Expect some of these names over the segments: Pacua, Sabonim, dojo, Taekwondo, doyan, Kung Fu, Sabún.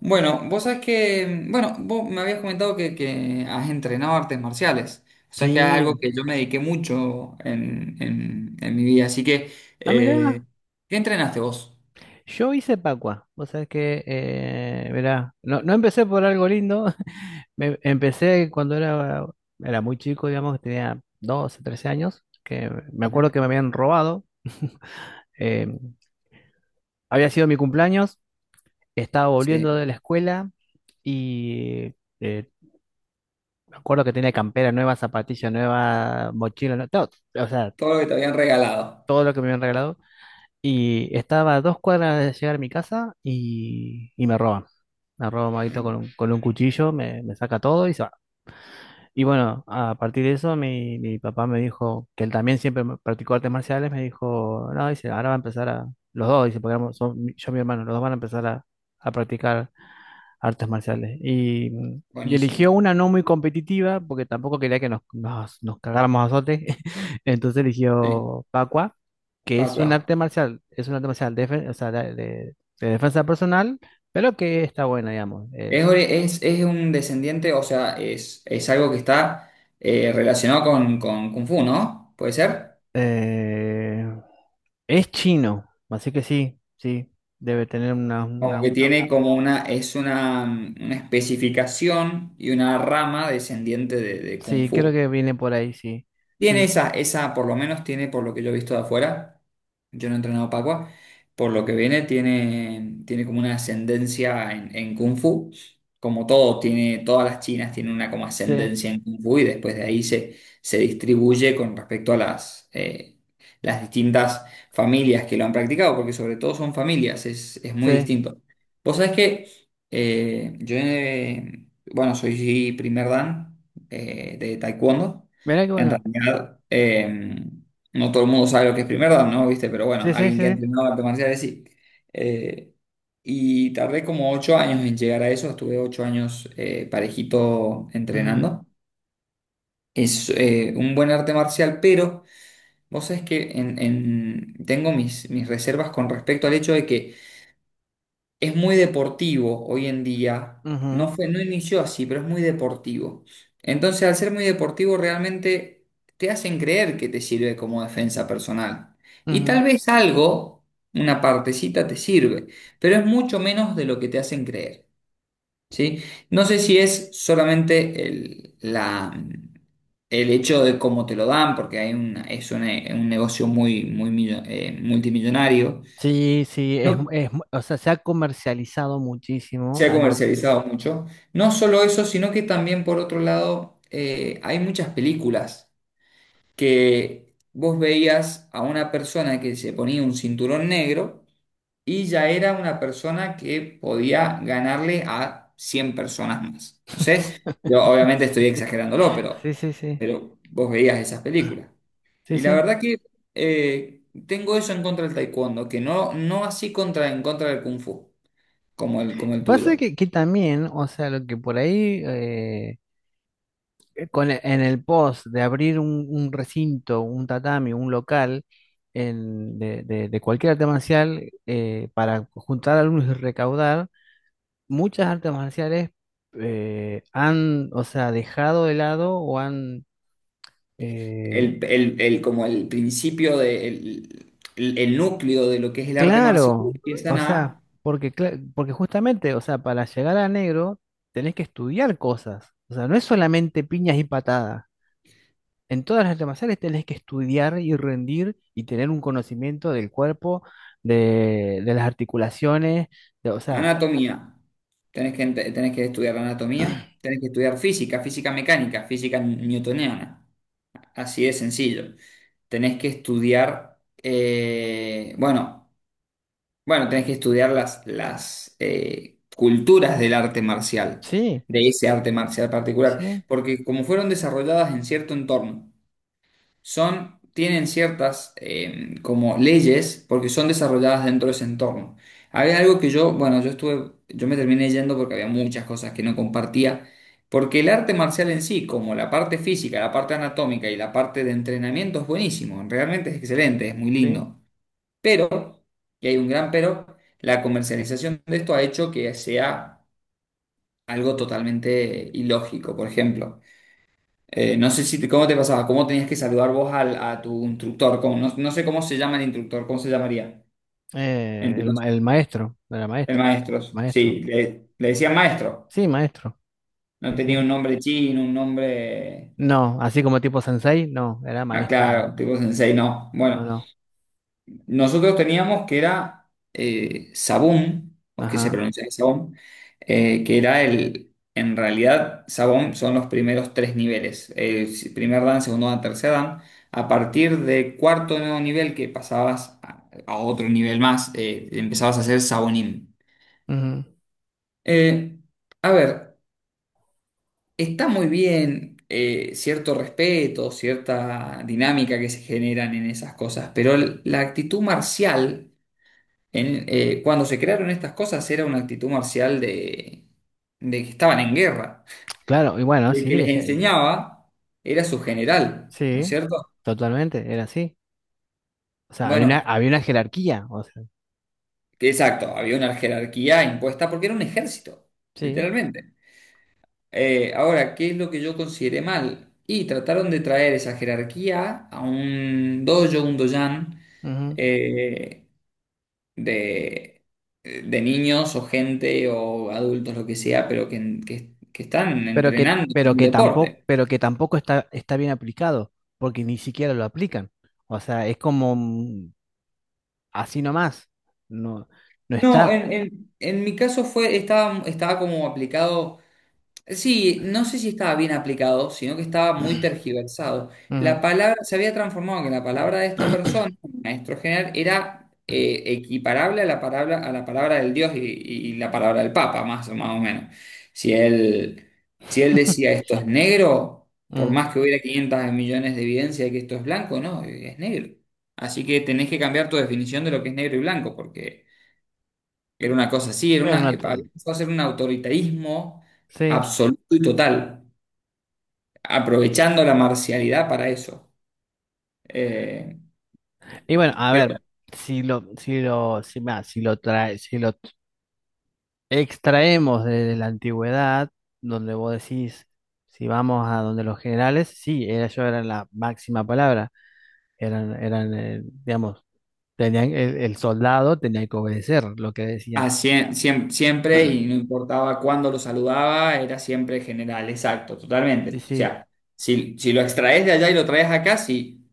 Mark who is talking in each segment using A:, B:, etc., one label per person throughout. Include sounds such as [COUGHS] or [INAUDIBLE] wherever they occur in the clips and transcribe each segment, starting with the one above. A: Bueno, vos sabés que, bueno, vos me habías comentado que has entrenado artes marciales. O sea, es que es algo
B: Sí.
A: que yo me dediqué mucho en mi vida. Así que,
B: Ah,
A: eh,
B: mirá,
A: ¿qué entrenaste vos?
B: yo hice Pacua. O sea que, mirá, no, no empecé por algo lindo. [LAUGHS] Empecé cuando era muy chico, digamos, tenía 12, 13 años, que me acuerdo
A: Ajá.
B: que me habían robado. eh, Había sido mi cumpleaños, estaba
A: Sí,
B: volviendo de la escuela y eh, me acuerdo que tenía campera nueva, zapatilla nueva, mochila, todo, o sea,
A: todo lo que te habían regalado.
B: todo lo que me habían regalado. Y estaba a 2 cuadras de llegar a mi casa y me roban. Me roban Maguito con
A: Mm.
B: un cuchillo, me saca todo y se va. Y bueno, a partir de eso, mi papá me dijo, que él también siempre practicó artes marciales, me dijo, no, dice, ahora va a empezar a, los dos, dice, porque yo y mi hermano, los dos van a empezar a practicar artes marciales. Y eligió
A: Buenísimo.
B: una no muy competitiva, porque tampoco quería que nos cagáramos a azote. [LAUGHS] Entonces
A: Sí,
B: eligió Pacua, que es un
A: Pacua.
B: arte marcial, es un arte marcial o sea, de defensa personal, pero que está buena, digamos.
A: Es un descendiente, o sea, es algo que está relacionado con Kung Fu, ¿no? ¿Puede ser?
B: Eh, es chino, así que sí, sí, debe tener una,
A: Como
B: una-
A: que
B: una-
A: tiene como una, es una, una especificación y una rama descendiente de Kung
B: Sí, creo
A: Fu.
B: que viene por ahí, sí.
A: Tiene
B: Sí,
A: esa, esa, por lo menos tiene, por lo que yo he visto de afuera, yo no he entrenado Pacua, por lo que viene, tiene, tiene como una ascendencia en Kung Fu, como todo, tiene, todas las chinas tienen una como
B: sí,
A: ascendencia en Kung Fu y después de ahí se, se distribuye con respecto a las distintas familias que lo han practicado, porque sobre todo son familias, es muy
B: sí.
A: distinto. Vos sabés que eh, yo, eh, bueno, soy primer dan de Taekwondo.
B: Mirá qué
A: En
B: bueno.
A: realidad, no todo el mundo sabe lo que es primer dan, ¿no? ¿Viste? Pero bueno,
B: Sí, sí,
A: alguien que ha
B: sí.
A: entrenado artes marciales sí. Eh, y tardé como 8 años en llegar a eso. Estuve 8 años parejito
B: Ujú,
A: entrenando. Es un buen arte marcial, pero vos sabés que tengo mis, mis reservas con respecto al hecho de que es muy deportivo hoy en día. No
B: ujú,
A: fue, no inició así, pero es muy deportivo. Entonces, al ser muy deportivo, realmente te hacen creer que te sirve como defensa personal. Y
B: ujú.
A: tal vez algo, una partecita, te sirve, pero es mucho menos de lo que te hacen creer, ¿sí? No sé si es solamente el hecho de cómo te lo dan, porque hay una, un negocio muy, muy multimillonario.
B: Sí, sí, es,
A: No,
B: es, o sea, se ha comercializado muchísimo
A: se ha
B: a lo
A: comercializado mucho. No solo eso, sino que también por otro lado hay muchas películas que vos veías a una persona que se ponía un cinturón negro y ya era una persona que podía ganarle a 100 personas más. No sé,
B: [LAUGHS]
A: yo obviamente estoy exagerándolo,
B: Sí, sí, sí,
A: pero vos veías esas películas.
B: sí,
A: Y la
B: sí.
A: verdad que tengo eso en contra del taekwondo, que no, no así contra, en contra del kung fu, como el
B: Pasa
A: tuyo.
B: que también, o sea, lo que por ahí, en el post de abrir un recinto, un tatami, un local de cualquier arte marcial para juntar alumnos y recaudar, muchas artes marciales han, o sea, dejado de lado eh,
A: Como el principio de, el núcleo de lo que es el arte marcial,
B: Claro, o
A: empiezan
B: sea,
A: a
B: porque justamente, o sea, para llegar a negro tenés que estudiar cosas, o sea, no es solamente piñas y patadas, en todas las artes marciales tenés que estudiar y rendir y tener un conocimiento del cuerpo, de las articulaciones, o sea,
A: anatomía. Tenés que, tenés que estudiar anatomía, tenés que estudiar física, física mecánica, física newtoniana. Así de sencillo. Tenés que estudiar, bueno, tenés que estudiar las, las culturas del arte marcial,
B: sí,
A: de ese arte marcial particular,
B: sí,
A: porque como fueron desarrolladas en cierto entorno. Son, tienen ciertas como leyes porque son desarrolladas dentro de ese entorno. Había algo que yo, bueno, yo estuve, yo me terminé yendo porque había muchas cosas que no compartía, porque el arte marcial en sí, como la parte física, la parte anatómica y la parte de entrenamiento es buenísimo, realmente es excelente, es muy
B: sí,
A: lindo, pero, y hay un gran pero, la comercialización de esto ha hecho que sea algo totalmente ilógico, por ejemplo. No sé si te- cómo te pasaba, cómo tenías que saludar vos al, a tu instructor, no, no sé cómo se llama el instructor, cómo se llamaría en
B: eh,
A: tu
B: el,
A: caso,
B: ma- el maestro, era
A: el
B: maestro,
A: maestro. Sí,
B: maestro,
A: le decían maestro,
B: sí, maestro,
A: no
B: sí,
A: tenía
B: sí,
A: un nombre chino, un nombre,
B: no, así como tipo sensei, no, era
A: ah,
B: maestro,
A: claro, tipo sensei, no.
B: no,
A: Bueno,
B: no,
A: nosotros teníamos que era Sabún, o que se
B: ajá.
A: pronuncia Sabón, que era el. En realidad, Sabón son los primeros 3 niveles: primer dan, segundo dan, tercer dan. A partir de cuarto nuevo nivel, que pasabas a otro nivel más, empezabas a hacer Sabonim.
B: Ujú.
A: Eh, a ver, está muy bien cierto respeto, cierta dinámica que se generan en esas cosas, pero la actitud marcial. Cuando se crearon estas cosas era una actitud marcial de que estaban en guerra.
B: Claro, y bueno,
A: Y el
B: sí,
A: que les enseñaba era su general, ¿no es
B: sí,
A: cierto?
B: totalmente, era así. O sea, había una,
A: Bueno,
B: había una jerarquía, o sea,
A: que exacto, había una jerarquía impuesta porque era un ejército,
B: sí,
A: literalmente. Ahora, ¿qué es lo que yo consideré mal? Y trataron de traer esa jerarquía a un dojo, un doyan,
B: ujú.
A: eh, de, de niños o gente o adultos, lo que sea, pero que, que están
B: Pero que,
A: entrenando
B: pero
A: un
B: que tampoco,
A: deporte.
B: pero que tampoco está bien aplicado, porque ni siquiera lo aplican. O sea, es como así nomás. No, no
A: No,
B: está.
A: en mi caso fue, estaba, estaba como aplicado. Sí, no sé si estaba bien aplicado, sino que estaba muy tergiversado. La
B: Ujú.
A: palabra se había transformado en que la palabra de esta persona,
B: [COUGHS]
A: maestro general, era equiparable a la palabra del Dios y la palabra del Papa, más, más o menos. Si él, si él decía
B: [CLEARS THROAT]
A: esto es negro, por
B: Mm.
A: más que hubiera 500 millones de evidencia de que esto es blanco, no, es negro. Así que tenés que cambiar tu definición de lo que es negro y blanco, porque era una cosa así, era
B: Era
A: una,
B: una
A: había
B: to-
A: empezado a ser un autoritarismo
B: sí.
A: absoluto y total, aprovechando la marcialidad para eso. Eh,
B: Y bueno, a
A: pero
B: ver, si, mira, si lo extraemos de la antigüedad, donde vos decís, si vamos a donde los generales, sí, ellos eran la máxima palabra, eran digamos, el soldado tenía que obedecer lo que decían.
A: siempre, y no importaba cuándo lo saludaba, era siempre general, exacto,
B: Sí,
A: totalmente. O
B: sí,
A: sea, si, si lo extraes de allá y lo traes acá, sí,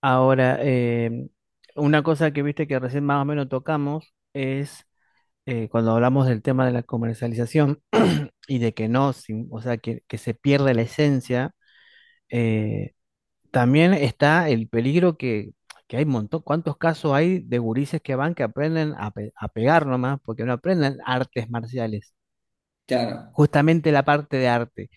B: ahora, una cosa que viste que recién más o menos tocamos es cuando hablamos del tema de la comercialización [CLEARS THROAT] y de que no, o sea, que se pierde la esencia. eh, También está el peligro que, hay un montón, cuántos casos hay de gurises que van, que aprenden a pegar nomás, porque no aprenden artes marciales,
A: claro,
B: justamente la parte de arte,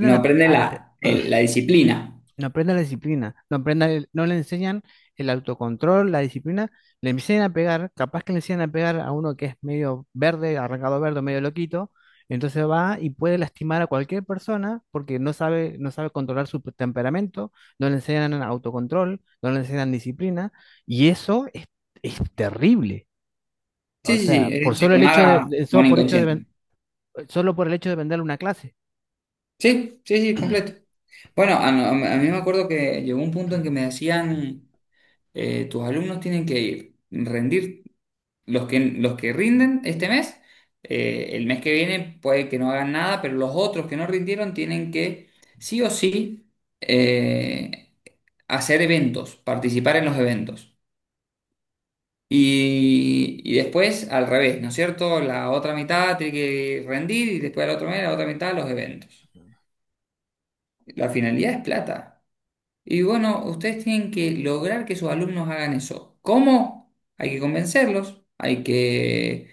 A: no aprende
B: a pe-
A: la disciplina.
B: no aprenda la disciplina, no le enseñan el autocontrol, la disciplina, le enseñan a pegar, capaz que le enseñan a pegar a uno que es medio verde, arrancado verde, medio loquito, entonces va y puede lastimar a cualquier persona porque no sabe controlar su temperamento, no le enseñan autocontrol, no le enseñan disciplina, y eso es terrible. O
A: Sí, sí,
B: sea,
A: sí, es
B: por
A: decir,
B: solo el
A: tomar
B: hecho
A: a
B: de-
A: un inconsciente.
B: solo por el hecho de venderle una clase.
A: Sí, sí, sí, completo. Bueno, a mí me acuerdo que llegó un punto en que me decían. Tus alumnos tienen que ir, rendir, los que rinden este mes, el mes que viene puede que no hagan nada, pero los otros que no rindieron tienen que sí o sí eh, hacer eventos, participar en los eventos. Y después al revés, ¿no es cierto? La otra mitad tiene que rendir y después la otra mitad los eventos. La finalidad es plata. Y bueno, ustedes tienen que lograr que sus alumnos hagan eso. ¿Cómo? Hay que convencerlos,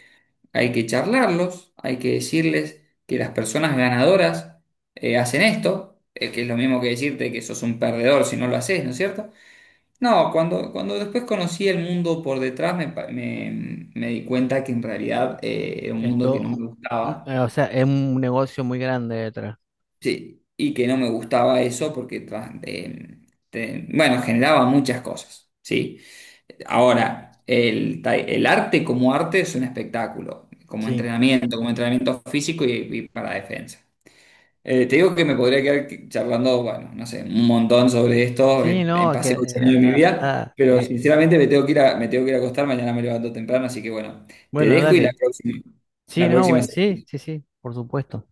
A: hay que charlarlos, hay que decirles que las personas ganadoras hacen esto, que es lo mismo que decirte que sos un perdedor si no lo haces, ¿no es cierto? No, cuando después conocí el mundo por detrás me di cuenta que en realidad era un mundo que no
B: Esto,
A: me gustaba.
B: o sea, es un negocio muy grande detrás.
A: Sí, y que no me gustaba eso porque bueno, generaba muchas cosas, ¿sí? Ahora, el arte como arte es un espectáculo,
B: Sí,
A: como entrenamiento físico y para defensa. Te digo que me podría quedar charlando, bueno, no sé, un montón sobre esto,
B: sí,
A: en
B: no, que,
A: pasé muchos años
B: da-
A: de mi
B: da-
A: vida,
B: da,
A: pero sinceramente me tengo que ir a, me tengo que ir a acostar, mañana me levanto temprano, así que bueno, te
B: bueno,
A: dejo y la
B: dale.
A: próxima,
B: Sí,
A: la
B: no,
A: próxima.
B: bueno, sí, sí, sí, por supuesto.